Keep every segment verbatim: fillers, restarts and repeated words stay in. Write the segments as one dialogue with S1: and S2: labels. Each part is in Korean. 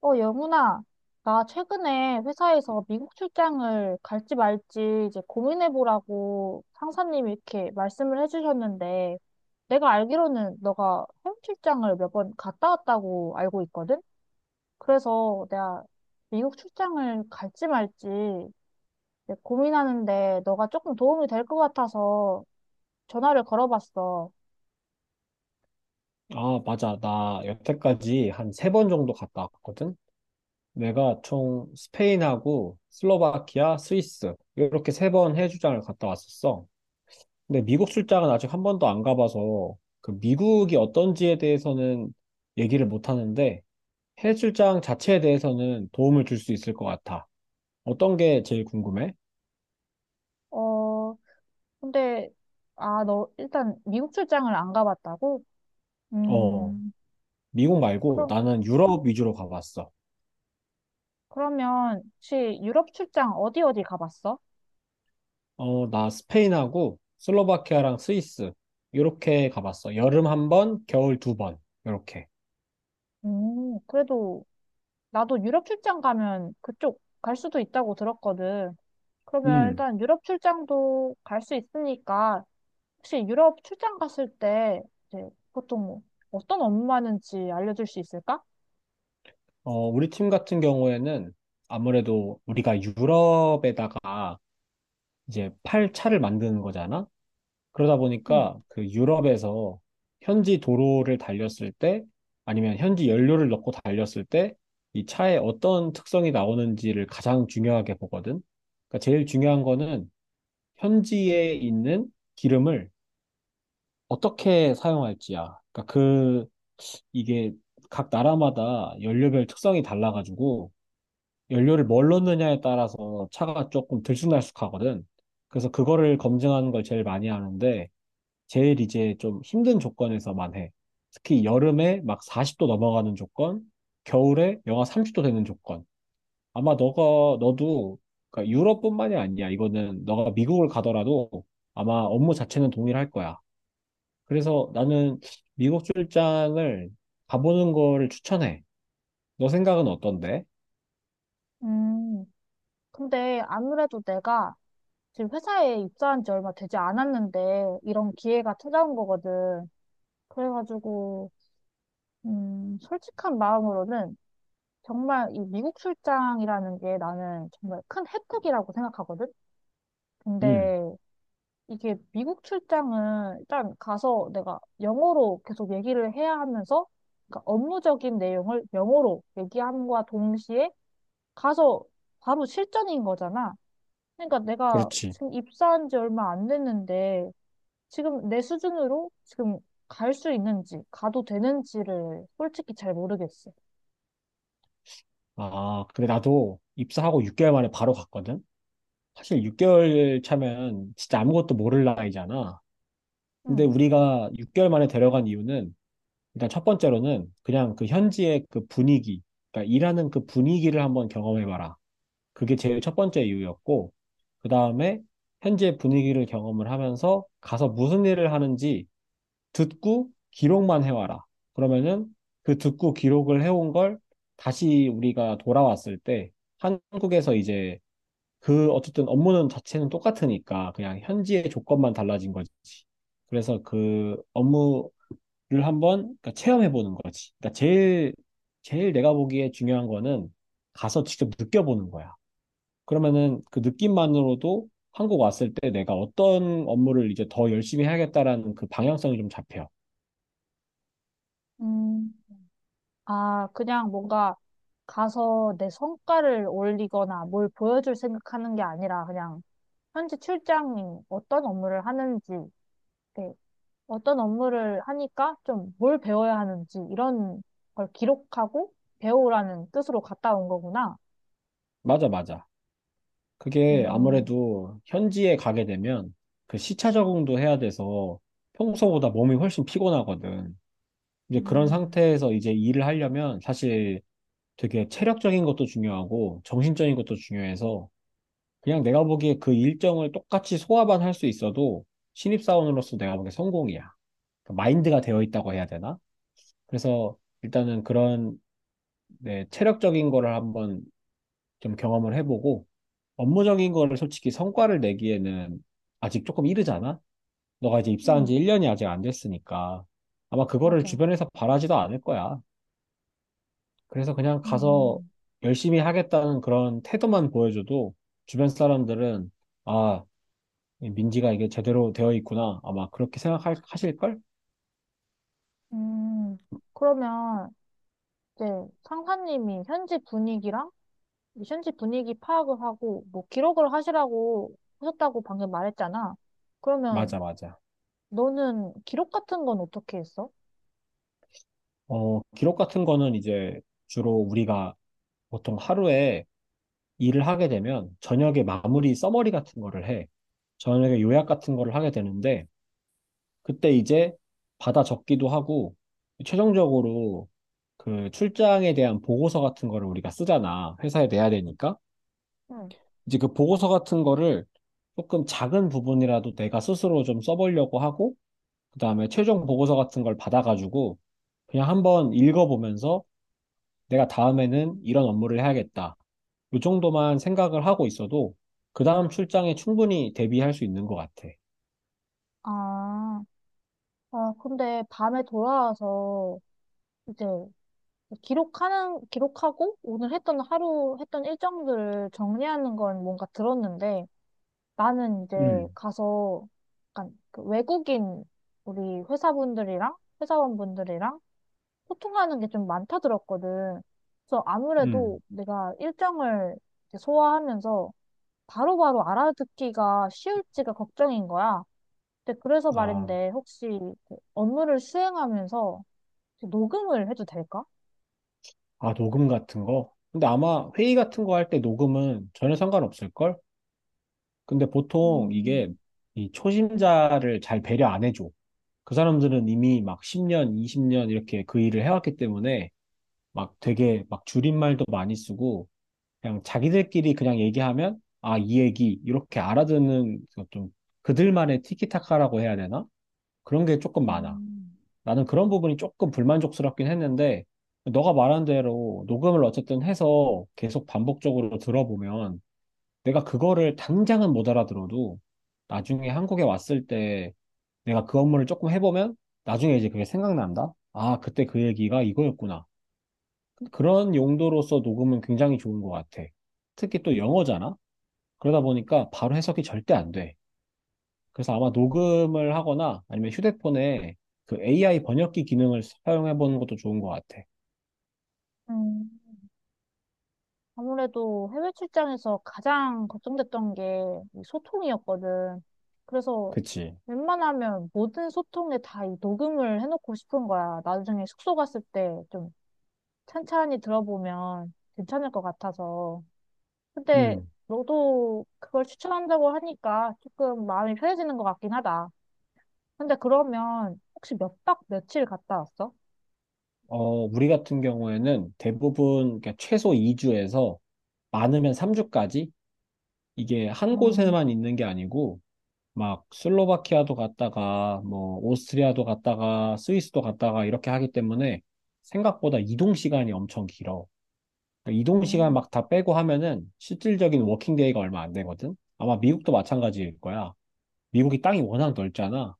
S1: 어, 영문아, 나 최근에 회사에서 미국 출장을 갈지 말지 이제 고민해보라고 상사님이 이렇게 말씀을 해주셨는데, 내가 알기로는 너가 해외 출장을 몇 번 갔다 왔다고 알고 있거든? 그래서 내가 미국 출장을 갈지 말지 이제 고민하는데 너가 조금 도움이 될 것 같아서 전화를 걸어봤어.
S2: 아, 맞아. 나 여태까지 한 세 번 정도 갔다 왔거든? 내가 총 스페인하고 슬로바키아, 스위스 이렇게 세 번 해외출장을 갔다 왔었어. 근데 미국 출장은 아직 한 번도 안 가봐서 그 미국이 어떤지에 대해서는 얘기를 못 하는데 해외출장 자체에 대해서는 도움을 줄 수 있을 것 같아. 어떤 게 제일 궁금해?
S1: 어, 근데, 아, 너 일단 미국 출장을 안 가봤다고?
S2: 어,
S1: 음.
S2: 미국 말고
S1: 그럼
S2: 나는 유럽 위주로 가봤어.
S1: 그러면 혹시 유럽 출장 어디 어디 가봤어?
S2: 어, 나 스페인하고 슬로바키아랑 스위스 이렇게 가봤어. 여름 한 번, 겨울 두 번. 이렇게.
S1: 음, 그래도 나도 유럽 출장 가면 그쪽 갈 수도 있다고 들었거든. 그러면
S2: 음.
S1: 일단 유럽 출장도 갈 수 있으니까 혹시 유럽 출장 갔을 때 이제 보통 뭐 어떤 업무하는지 알려줄 수 있을까?
S2: 어, 우리 팀 같은 경우에는 아무래도 우리가 유럽에다가 이제 팔 차를 만드는 거잖아. 그러다
S1: 응.
S2: 보니까 그 유럽에서 현지 도로를 달렸을 때 아니면 현지 연료를 넣고 달렸을 때 이 차에 어떤 특성이 나오는지를 가장 중요하게 보거든. 그러니까 제일 중요한 거는 현지에 있는 기름을 어떻게 사용할지야. 그러니까 그 이게 각 나라마다 연료별 특성이 달라가지고 연료를 뭘 넣느냐에 따라서 차가 조금 들쑥날쑥하거든. 그래서 그거를 검증하는 걸 제일 많이 하는데 제일 이제 좀 힘든 조건에서만 해. 특히 여름에 막 사십 도 넘어가는 조건, 겨울에 영하 삼십 도 되는 조건. 아마 너가 너도 그러니까 유럽뿐만이 아니야. 이거는 너가 미국을 가더라도 아마 업무 자체는 동일할 거야. 그래서 나는 미국 출장을 가보는 거를 추천해. 너 생각은 어떤데?
S1: 음, 근데 아무래도 내가 지금 회사에 입사한 지 얼마 되지 않았는데 이런 기회가 찾아온 거거든. 그래가지고 음, 솔직한 마음으로는 정말 이 미국 출장이라는 게 나는 정말 큰 혜택이라고 생각하거든?
S2: 음,
S1: 근데 이게 미국 출장은 일단 가서 내가 영어로 계속 얘기를 해야 하면서, 그러니까 업무적인 내용을 영어로 얘기함과 동시에 가서 바로 실전인 거잖아. 그러니까 내가
S2: 그렇지.
S1: 지금 입사한 지 얼마 안 됐는데 지금 내 수준으로 지금 갈 수 있는지 가도 되는지를 솔직히 잘 모르겠어.
S2: 아, 근데 나도 입사하고 육 개월 만에 바로 갔거든? 사실 육 개월 차면 진짜 아무것도 모를 나이잖아. 근데
S1: 응.
S2: 우리가 육 개월 만에 데려간 이유는 일단 첫 번째로는 그냥 그 현지의 그 분위기, 그러니까 일하는 그 분위기를 한번 경험해봐라. 그게 제일 첫 번째 이유였고, 그 다음에 현지의 분위기를 경험을 하면서 가서 무슨 일을 하는지 듣고 기록만 해와라. 그러면은 그 듣고 기록을 해온 걸 다시 우리가 돌아왔을 때 한국에서 이제 그 어쨌든 업무는 자체는 똑같으니까 그냥 현지의 조건만 달라진 거지. 그래서 그 업무를 한번 그러니까 체험해 보는 거지. 그러니까 제일 제일 내가 보기에 중요한 거는 가서 직접 느껴보는 거야. 그러면은 그 느낌만으로도 한국 왔을 때 내가 어떤 업무를 이제 더 열심히 해야겠다라는 그 방향성이 좀 잡혀.
S1: 음. 아, 그냥 뭔가 가서 내 성과를 올리거나 뭘 보여줄 생각하는 게 아니라, 그냥 현재 출장이 어떤 업무를 하는지, 네, 어떤 업무를 하니까 좀 뭘 배워야 하는지 이런 걸 기록하고 배우라는 뜻으로 갔다 온 거구나.
S2: 맞아, 맞아. 그게
S1: 음,
S2: 아무래도 현지에 가게 되면 그 시차 적응도 해야 돼서 평소보다 몸이 훨씬 피곤하거든. 이제 그런
S1: 음,
S2: 상태에서 이제 일을 하려면 사실 되게 체력적인 것도 중요하고 정신적인 것도 중요해서 그냥 내가 보기에 그 일정을 똑같이 소화만 할 수 있어도 신입사원으로서 내가 보기에 성공이야. 그 마인드가 되어 있다고 해야 되나? 그래서 일단은 그런 네, 체력적인 거를 한번 좀 경험을 해보고 업무적인 거를 솔직히 성과를 내기에는 아직 조금 이르잖아? 너가 이제 입사한
S1: 음,
S2: 지 일 년이 아직 안 됐으니까 아마 그거를
S1: 맞아.
S2: 주변에서 바라지도 않을 거야. 그래서 그냥 가서
S1: 음,
S2: 열심히 하겠다는 그런 태도만 보여줘도 주변 사람들은 아, 민지가 이게 제대로 되어 있구나. 아마 그렇게 생각하실걸?
S1: 음, 음, 그러면 이제 상사님이 현지 분위기랑 현지 분위기 파악을 하고 뭐 기록을 하시라고 하셨다고 방금 말했잖아.
S2: 맞아,
S1: 그러면
S2: 맞아.
S1: 너는 기록 같은 건 어떻게 했어?
S2: 어, 기록 같은 거는 이제 주로 우리가 보통 하루에 일을 하게 되면 저녁에 마무리 서머리 같은 거를 해. 저녁에 요약 같은 거를 하게 되는데 그때 이제 받아 적기도 하고 최종적으로 그 출장에 대한 보고서 같은 거를 우리가 쓰잖아. 회사에 내야 되니까.
S1: 응.
S2: 이제 그 보고서 같은 거를 조금 작은 부분이라도 내가 스스로 좀 써보려고 하고 그다음에 최종 보고서 같은 걸 받아가지고 그냥 한번 읽어보면서 내가 다음에는 이런 업무를 해야겠다. 이 정도만 생각을 하고 있어도 그 다음 출장에 충분히 대비할 수 있는 것 같아.
S1: 아, 아, 근데 밤에 돌아와서 이제 기록하는, 기록하고 오늘 했던 하루 했던 일정들을 정리하는 건 뭔가 들었는데, 나는 이제
S2: 음,
S1: 가서 약간 그 외국인 우리 회사분들이랑 회사원분들이랑 소통하는 게 좀 많다 들었거든. 그래서
S2: 음.
S1: 아무래도 내가 일정을 이제 소화하면서 바로바로 알아듣기가 쉬울지가 걱정인 거야. 근데 그래서
S2: 아,
S1: 말인데 혹시 그 업무를 수행하면서 혹시 녹음을 해도 될까?
S2: 아, 녹음 같은 거? 근데 아마 회의 같은 거 할 때 녹음은 전혀 상관없을걸? 근데 보통 이게
S1: 음,
S2: 이 초심자를 잘 배려 안 해줘. 그 사람들은 이미 막 십 년, 이십 년 이렇게 그 일을 해왔기 때문에 막 되게 막 줄임말도 많이 쓰고 그냥 자기들끼리 그냥 얘기하면 아, 이 얘기 이렇게 알아듣는 좀 그들만의 티키타카라고 해야 되나? 그런 게 조금 많아.
S1: 음.
S2: 나는 그런 부분이 조금 불만족스럽긴 했는데, 너가 말한 대로 녹음을 어쨌든 해서 계속 반복적으로 들어보면, 내가 그거를 당장은 못 알아들어도, 나중에 한국에 왔을 때 내가 그 업무를 조금 해보면, 나중에 이제 그게 생각난다? 아, 그때 그 얘기가 이거였구나. 그런 용도로서 녹음은 굉장히 좋은 것 같아. 특히 또 영어잖아? 그러다 보니까 바로 해석이 절대 안 돼. 그래서 아마 녹음을 하거나 아니면 휴대폰에 그 에이아이 번역기 기능을 사용해 보는 것도 좋은 것 같아.
S1: 음, 아무래도 해외 출장에서 가장 걱정됐던 게이 소통이었거든. 그래서
S2: 그치?
S1: 웬만하면 모든 소통에 다 이 녹음을 해놓고 싶은 거야. 나중에 숙소 갔을 때좀 찬찬히 들어보면 괜찮을 것 같아서. 근데
S2: 음.
S1: 너도 그걸 추천한다고 하니까 조금 마음이 편해지는 것 같긴 하다. 근데 그러면 혹시 몇 박 며칠 갔다 왔어?
S2: 어, 우리 같은 경우에는 대부분 그러니까 최소 이 주에서 많으면 삼 주까지 이게 한
S1: 음,
S2: 곳에만 있는 게 아니고 막 슬로바키아도 갔다가 뭐 오스트리아도 갔다가 스위스도 갔다가 이렇게 하기 때문에 생각보다 이동 시간이 엄청 길어. 그러니까 이동 시간
S1: 음,
S2: 막 다 빼고 하면은 실질적인 워킹 데이가 얼마 안 되거든. 아마 미국도 마찬가지일 거야. 미국이 땅이 워낙 넓잖아.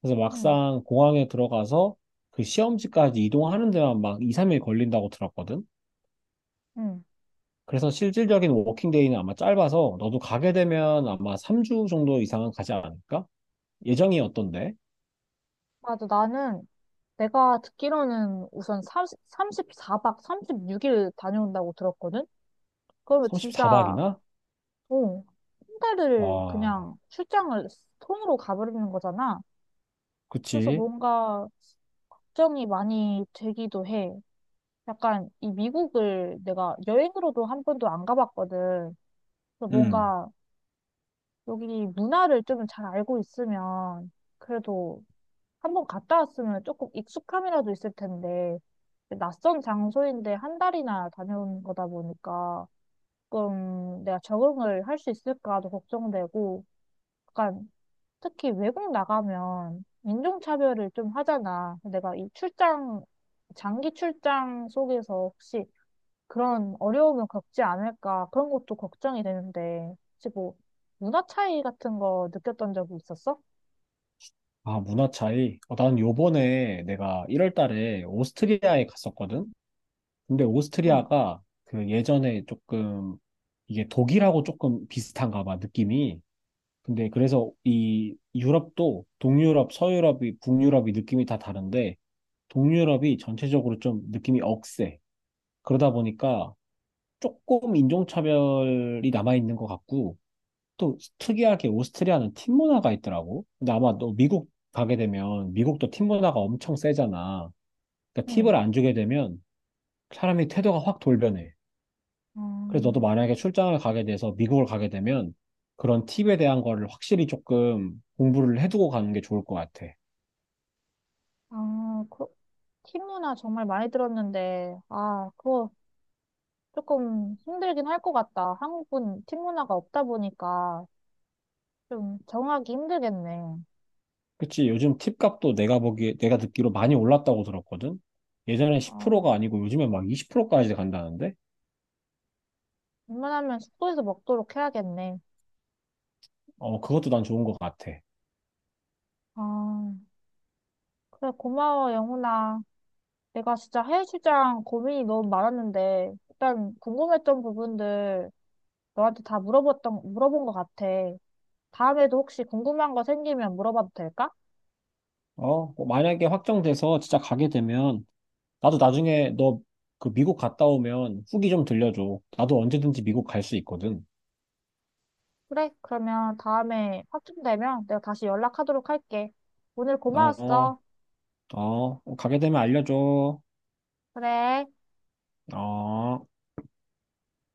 S2: 그래서
S1: 음,
S2: 막상 공항에 들어가서 그 시험지까지 이동하는 데만 막 이, 삼 일 걸린다고 들었거든.
S1: 음.
S2: 그래서 실질적인 워킹데이는 아마 짧아서 너도 가게 되면 아마 삼 주 정도 이상은 가지 않을까? 예정이 어떤데?
S1: 맞아. 나는 내가 듣기로는 우선 삼삼십사 박 삼십육 일 다녀온다고 들었거든? 그러면 진짜,
S2: 삼십사 박이나?
S1: 어, 한 달을
S2: 와,
S1: 그냥 출장을 통으로 가버리는 거잖아. 그래서
S2: 그치.
S1: 뭔가 걱정이 많이 되기도 해. 약간 이 미국을 내가 여행으로도 한 번도 안 가봤거든. 그래서
S2: 음.
S1: 뭔가 여기 문화를 좀 잘 알고 있으면, 그래도 한 번 갔다 왔으면 조금 익숙함이라도 있을 텐데 낯선 장소인데 한 달이나 다녀온 거다 보니까 조금 내가 적응을 할 수 있을까도 걱정되고, 약간 특히 외국 나가면 인종차별을 좀 하잖아. 내가 이 출장, 장기 출장 속에서 혹시 그런 어려움을 겪지 않을까, 그런 것도 걱정이 되는데 혹시 뭐 문화 차이 같은 거 느꼈던 적이 있었어?
S2: 아, 문화 차이. 어, 난 요번에 내가 일 월 달에 오스트리아에 갔었거든. 근데
S1: 응,
S2: 오스트리아가 그 예전에 조금 이게 독일하고 조금 비슷한가 봐, 느낌이. 근데 그래서 이 유럽도 동유럽, 서유럽이, 북유럽이 느낌이 다 다른데 동유럽이 전체적으로 좀 느낌이 억세. 그러다 보니까 조금 인종차별이 남아있는 것 같고 또 특이하게 오스트리아는 팀 문화가 있더라고. 근데 아마 너 미국 가게 되면 미국도 팀 문화가 엄청 세잖아. 그러니까
S1: 응.
S2: 팁을 안 주게 되면 사람이 태도가 확 돌변해. 그래서 너도
S1: 음,
S2: 만약에 출장을 가게 돼서 미국을 가게 되면 그런 팁에 대한 거를 확실히 조금 공부를 해두고 가는 게 좋을 것 같아.
S1: 아, 그, 팀 문화 정말 많이 들었는데, 아, 그거 조금 힘들긴 할 것 같다. 한국은 팀 문화가 없다 보니까 좀 적응하기 힘들겠네.
S2: 그치? 요즘 팁 값도 내가 보기 내가 듣기로 많이 올랐다고 들었거든? 예전에
S1: 아,
S2: 십 프로가 아니고 요즘엔 막 이십 프로까지 간다는데?
S1: 웬만하면 숙소에서 먹도록 해야겠네.
S2: 어, 그것도 난 좋은 것 같아.
S1: 아, 그래, 고마워, 영훈아. 내가 진짜 해외출장 고민이 너무 많았는데, 일단 궁금했던 부분들 너한테 다 물어봤던, 물어본 것 같아. 다음에도 혹시 궁금한 거 생기면 물어봐도 될까?
S2: 어, 뭐 만약에 확정돼서 진짜 가게 되면 나도 나중에 너 그 미국 갔다 오면 후기 좀 들려줘. 나도 언제든지 미국 갈 수 있거든.
S1: 그래, 그러면 다음에 확정되면 내가 다시 연락하도록 할게. 오늘
S2: 어,
S1: 고마웠어.
S2: 어, 가게 되면 알려줘.
S1: 그래.
S2: 어.